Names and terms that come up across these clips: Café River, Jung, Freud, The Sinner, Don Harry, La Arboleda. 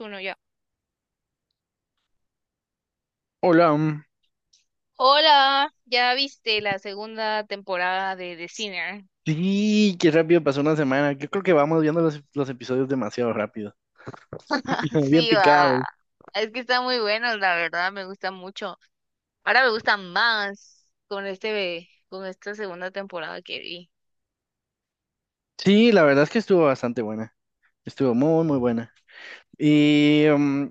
Uno ya. Hola, Hola, ¿ya viste la segunda temporada de The Sinner? sí, qué rápido pasó una semana. Yo creo que vamos viendo los episodios demasiado rápido. Ah, Bien sí, va. picado. Es que está muy bueno, la verdad, me gusta mucho. Ahora me gusta más con este, con esta segunda temporada que vi. Sí, la verdad es que estuvo bastante buena. Estuvo muy, muy buena. Y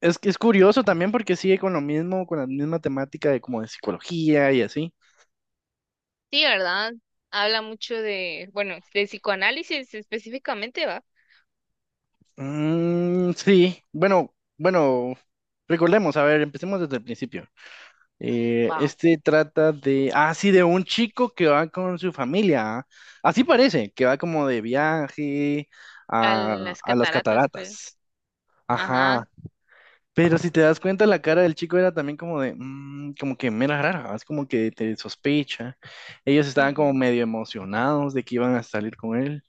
es que es curioso también porque sigue con lo mismo, con la misma temática de como de psicología y así. Sí, ¿verdad? Habla mucho de, bueno, de psicoanálisis específicamente, va. Sí, bueno, recordemos, a ver, empecemos desde el principio. Va. Este trata de, ah, sí, de un chico que va con su familia. ¿Ah? Así parece, que va como de viaje A a, las a las cataratas, creo. cataratas. Ajá. Ajá. Pero si te das cuenta, la cara del chico era también como de, como que mera rara, es como que te sospecha. Ellos estaban como Ujú. medio emocionados de que iban a salir con él.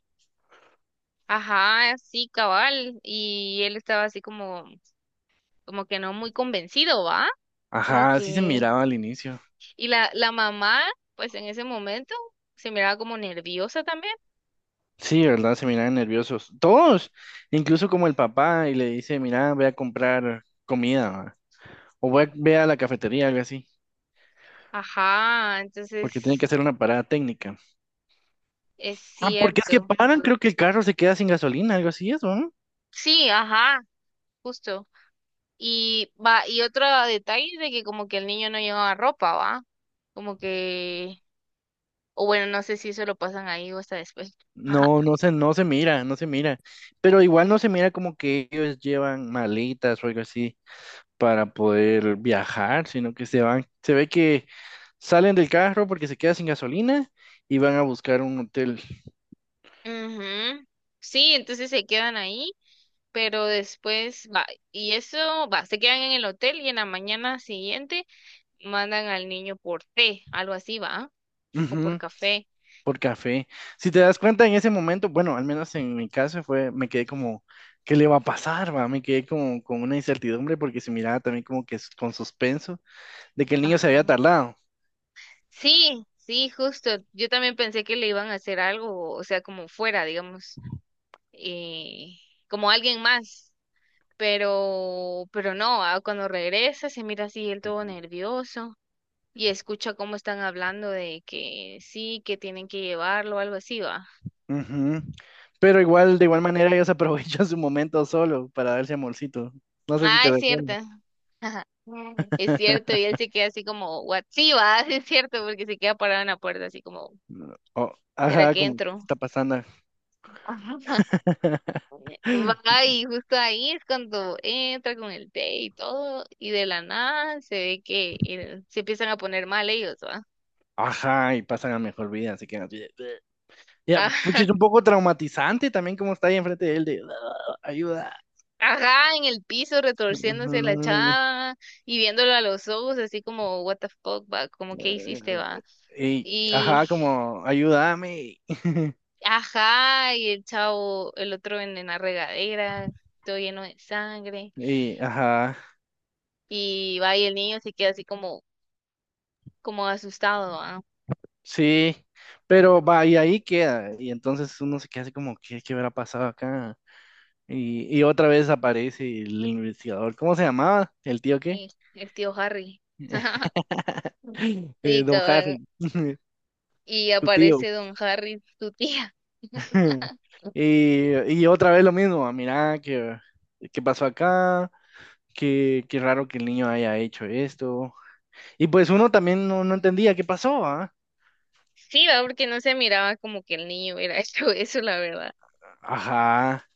Ajá, sí, cabal. Y él estaba así como, como que no muy convencido, ¿va? Como Ajá, así se que... miraba al inicio. Y la mamá, pues en ese momento, se miraba como nerviosa también. Sí, ¿verdad? Se miraban nerviosos. Todos, incluso como el papá, y le dice, mira, voy a comprar comida. O voy a, ve a la cafetería, algo así, Ajá, porque tiene que entonces hacer una parada técnica. es Ah, porque es que cierto. paran, creo que el carro se queda sin gasolina, algo así, eso, ¿no? Sí, ajá, justo. Y va, y otro detalle de que como que el niño no llevaba ropa, ¿va? Como que, o bueno, no sé si eso lo pasan ahí o hasta después. Ajá. No, no se mira, no se mira. Pero igual no se mira como que ellos llevan maletas o algo así para poder viajar, sino que se van, se ve que salen del carro porque se queda sin gasolina y van a buscar un hotel. Ujú. Sí, entonces se quedan ahí, pero después va, y eso va, se quedan en el hotel y en la mañana siguiente mandan al niño por té, algo así, ¿va? O por Ujú. café. Por café. Si te das cuenta en ese momento, bueno, al menos en mi caso fue, me quedé como, ¿qué le va a pasar, va? Me quedé como con una incertidumbre porque se miraba también como que con suspenso de que el niño se había Ajá. tardado. Sí, sí, justo. Yo también pensé que le iban a hacer algo, o sea, como fuera, digamos, eh, como alguien más. Pero no, ah, cuando regresa se mira así él todo nervioso y escucha cómo están hablando de que sí, que tienen que llevarlo, algo así, ¿va? Ujú. Pero igual, de igual manera, ellos aprovechan su momento solo para darse amorcito. No sé si Ah, te es cierto. recuerdo. Ajá. Es cierto, y él se queda así como, ¿what? Sí, va, sí es cierto, porque se queda parado en la puerta así como, O ¿será ajá, que como ¿qué entro? está pasando? Va, y justo ahí es cuando entra con el té y todo, y de la nada se ve que el- se empiezan a poner mal ellos, ¿va? Ajá, y pasan a mejor vida, así que... Ya, pucha, Ajá, es un poco traumatizante también como está ahí enfrente de él de "Ah, ayuda." ajá, en el piso retorciéndose la chava y viéndolo a los ojos así como, what the fuck, va, como, ¿qué hiciste, va? Y, ajá, como, ayúdame. Ajá, y el chavo, el otro en la regadera, todo lleno de sangre, Y, ajá, y va y el niño se queda así como, como asustado, ah. sí, pero va, y ahí queda. Y entonces uno se queda así como, ¿qué, qué habrá pasado acá? Y otra vez aparece el investigador. ¿Cómo se llamaba? ¿El tío qué? El tío Harry. Sí, Don cabal. Harry, Y tu tío. aparece don Harry, tu tía. Y, y otra vez lo mismo, ah, mira, que ¿qué pasó acá? ¿Qué, qué raro que el niño haya hecho esto? Y pues uno también no entendía qué pasó, ¿ah? Sí, va, porque no se miraba como que el niño hubiera hecho eso, la verdad. Ajá,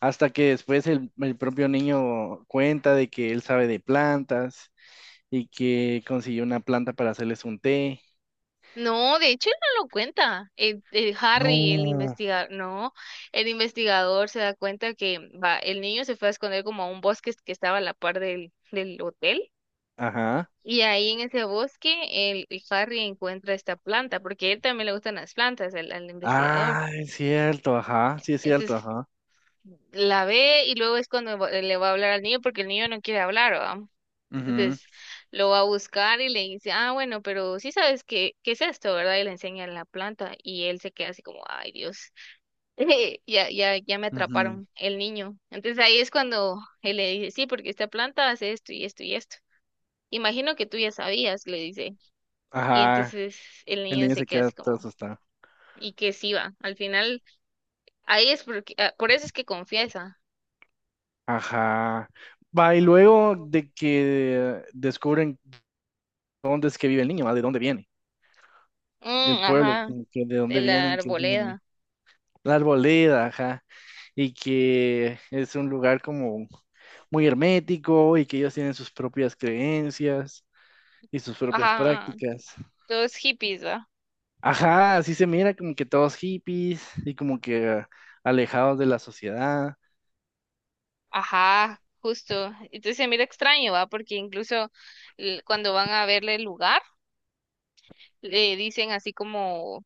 hasta que después el propio niño cuenta de que él sabe de plantas y que consiguió una planta para hacerles un té. No, de hecho él no lo cuenta. El Harry, el No. investigador, no, el investigador se da cuenta que va, el niño se fue a esconder como a un bosque que estaba a la par del, del hotel. Ajá. Y ahí en ese bosque el Harry encuentra esta planta, porque a él también le gustan las plantas, al, al investigador. Ah, es cierto, ajá, sí es cierto, Entonces ajá. la ve y luego es cuando va- le va a hablar al niño, porque el niño no quiere hablar, ¿va? Entonces lo va a buscar y le dice, ah, bueno, pero sí sabes qué, qué es esto, ¿verdad? Y le enseña la planta y él se queda así como, ay, Dios, ya, ya, ya me Ujú, ujú. atraparon el niño. Entonces ahí es cuando él le dice, sí, porque esta planta hace esto y esto y esto. Imagino que tú ya sabías, le dice. Y Ajá, entonces el el niño niño se se queda queda así todo como, asustado. y que sí va. Al final, ahí es porque, ah, por eso es que confiesa. Ajá. Va, y luego de que descubren dónde es que vive el niño, ¿va? ¿De dónde viene? El Mm, pueblo, ajá, como que de de dónde la vienen, que es arboleda. La Arboleda, ajá. Y que es un lugar como muy hermético y que ellos tienen sus propias creencias y sus propias Ajá, prácticas. todos hippies, ¿va? Ajá, así se mira como que todos hippies y como que ah, alejados de la sociedad. Ajá, justo. Entonces se mira extraño, ¿va? Porque incluso cuando van a verle el lugar, le dicen así como,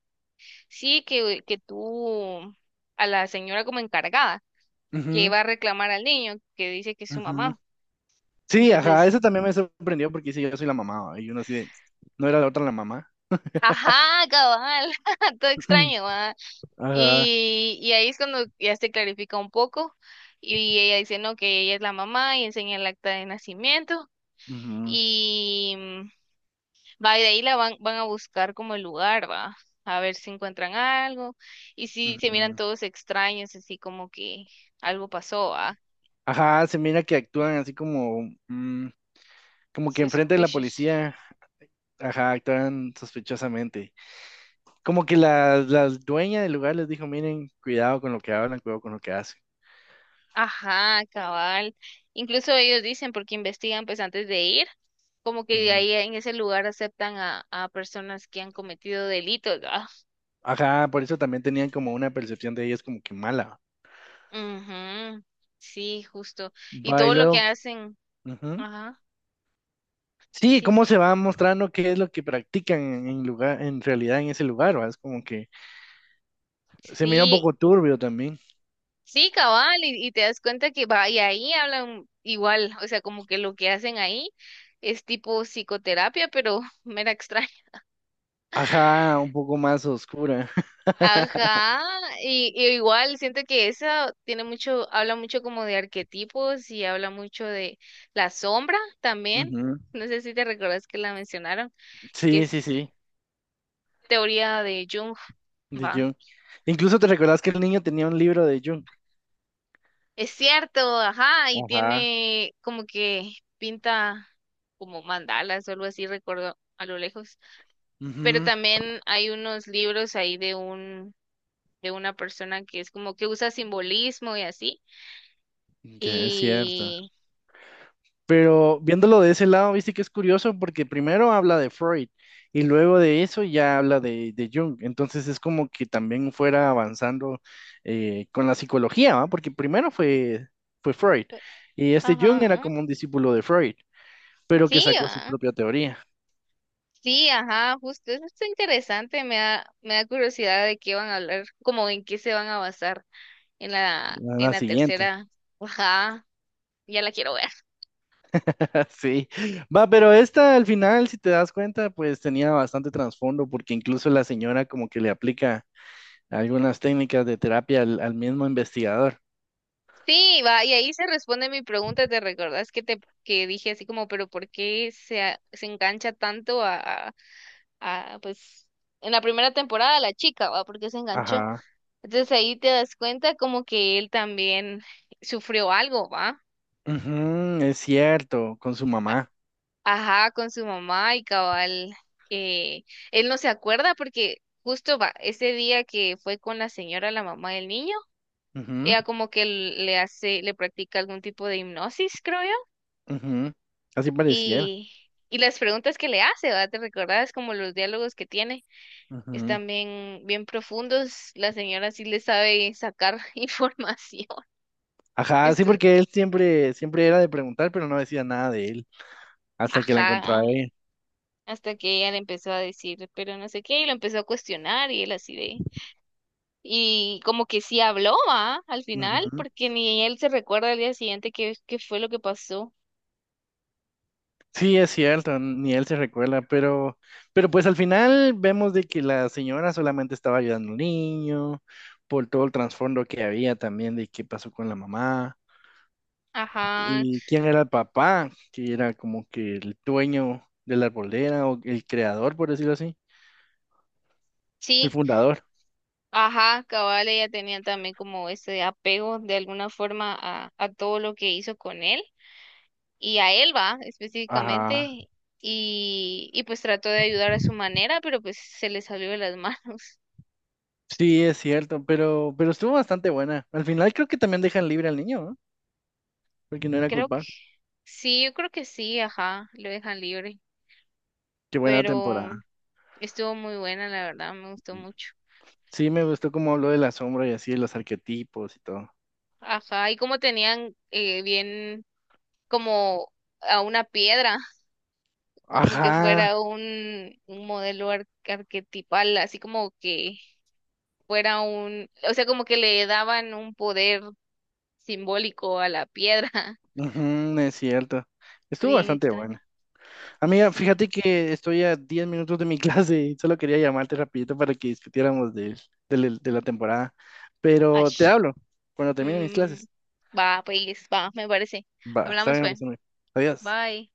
sí, que tú, a la señora como encargada, que Ujú, iba a reclamar al niño, que dice que es su ujú. mamá. Sí, ajá, Entonces, eso también me sorprendió porque sí, yo soy la mamá, ¿va? Y uno así de, no era la otra la mamá. ajá, cabal, todo extraño, ¿va? Ajá. Y ahí es cuando ya se clarifica un poco. Y ella dice, no, que ella es la mamá y enseña el acta de nacimiento. Ujú, Y va, y de ahí la van, van a buscar como el lugar, va, a ver si encuentran algo. Y si se miran ujú. todos extraños, así como que algo pasó, va. Ajá, se mira que actúan así como, como que enfrente de la Suspicious. policía. Ajá, actúan sospechosamente. Como que la dueña del lugar les dijo, miren, cuidado con lo que hablan, cuidado con lo que hacen. Ajá, cabal. Incluso ellos dicen, porque investigan pues antes de ir, como que Ujú. ahí en ese lugar aceptan a personas que han cometido delitos, ¿verdad? Ajá, por eso también tenían como una percepción de ellos como que mala. Ujú, sí, justo. Y Va y todo lo luego, que hacen, ujú. ajá, Sí, sí. cómo se va mostrando qué es lo que practican en lugar, en realidad en ese lugar, ¿va? Es como que se mira un Sí, poco turbio también. sí, cabal, y te das cuenta que va, y ahí hablan igual, o sea, como que lo que hacen ahí es tipo psicoterapia, pero mera extraña. Ajá, un poco más oscura. Ajá, y igual siento que esa tiene mucho, habla mucho como de arquetipos y habla mucho de la sombra también. Ujú. No sé si te recuerdas que la mencionaron, que Sí, es sí, sí, teoría de Jung, de va. Jung. Incluso te recordás que el niño tenía un libro de Jung. Es cierto, ajá, y Ajá. tiene como que pinta como mandalas o algo así, recuerdo a lo lejos. Pero Ujú. también hay unos libros ahí de un, de una persona que es como que usa simbolismo y así. Ya, es cierto. Y Pero viéndolo de ese lado, viste que es curioso porque primero habla de Freud y luego de eso ya habla de Jung. Entonces es como que también fuera avanzando con la psicología, ¿va? Porque primero fue, fue Freud y este Jung era ajá, como un discípulo de Freud, pero que sí, sacó su ah, propia teoría, sí, ajá, justo, eso está interesante, me da curiosidad de qué van a hablar, como en qué se van a basar en la la siguiente. tercera, ajá, ya la quiero ver. Sí, va, pero esta al final, si te das cuenta, pues tenía bastante trasfondo porque incluso la señora como que le aplica algunas técnicas de terapia al mismo investigador. Sí, va, y ahí se responde mi pregunta, ¿te recordás que te que dije así como, pero ¿por qué se, a- se engancha tanto a, pues, en la primera temporada la chica, ¿va? Porque se enganchó. Ajá. Entonces ahí te das cuenta como que él también sufrió algo, ¿va? Ujú, es cierto, con su A- mamá. Ajá, con su mamá y cabal, eh, él no se acuerda porque justo va, ese día que fue con la señora, la mamá del niño, ella como que le hace, le practica algún tipo de hipnosis, creo yo, Ujú, ujú. Así pareciera. y, y las preguntas que le hace, ¿va? ¿Te recordás como los diálogos que tiene? Ujú. Están bien, bien profundos. La señora sí le sabe sacar información. Ajá, sí, Esto, porque él siempre, siempre era de preguntar, pero no decía nada de él hasta que la encontró a ajá, ella. hasta que ella le empezó a decir, pero no sé qué, y lo empezó a cuestionar y él así de... Y como que sí habló, ¿va? Al final, Ujú. porque ni él se recuerda al día siguiente qué, qué fue lo que pasó. Sí, es cierto, ni él se recuerda, pero pues al final vemos de que la señora solamente estaba ayudando al niño, por todo el trasfondo que había también de qué pasó con la mamá. Ajá, ¿Y quién era el papá? Que era como que el dueño de la arboleda o el creador, por decirlo así, el sí, fundador. ajá, cabal, ella tenía también como ese apego de alguna forma a todo lo que hizo con él. Y a él va Ajá. específicamente y pues trató de ayudar a su manera, pero pues se le salió de las manos. Sí, es cierto, pero estuvo bastante buena. Al final creo que también dejan libre al niño, ¿no? Porque no era Creo que culpable. sí, yo creo que sí, ajá, lo dejan libre, Qué buena pero temporada. estuvo muy buena, la verdad, me gustó mucho. Sí, me gustó cómo habló de la sombra y así, de los arquetipos y todo. Ajá, y como tenían bien como a una piedra, como que Ajá, fuera un modelo ar- arquetipal, así como que fuera un, o sea, como que le daban un poder simbólico a la piedra. ujú, es cierto. Estuvo Bien bastante extraño. bueno. Amiga, Sí. fíjate que estoy a 10 minutos de mi clase y solo quería llamarte rapidito para que discutiéramos de la temporada. Pero te Ash. hablo cuando termine mis Mm, clases. va, pues, va, me parece. Va, está Hablamos, bien, pues. pues, amigo. Adiós. Bye.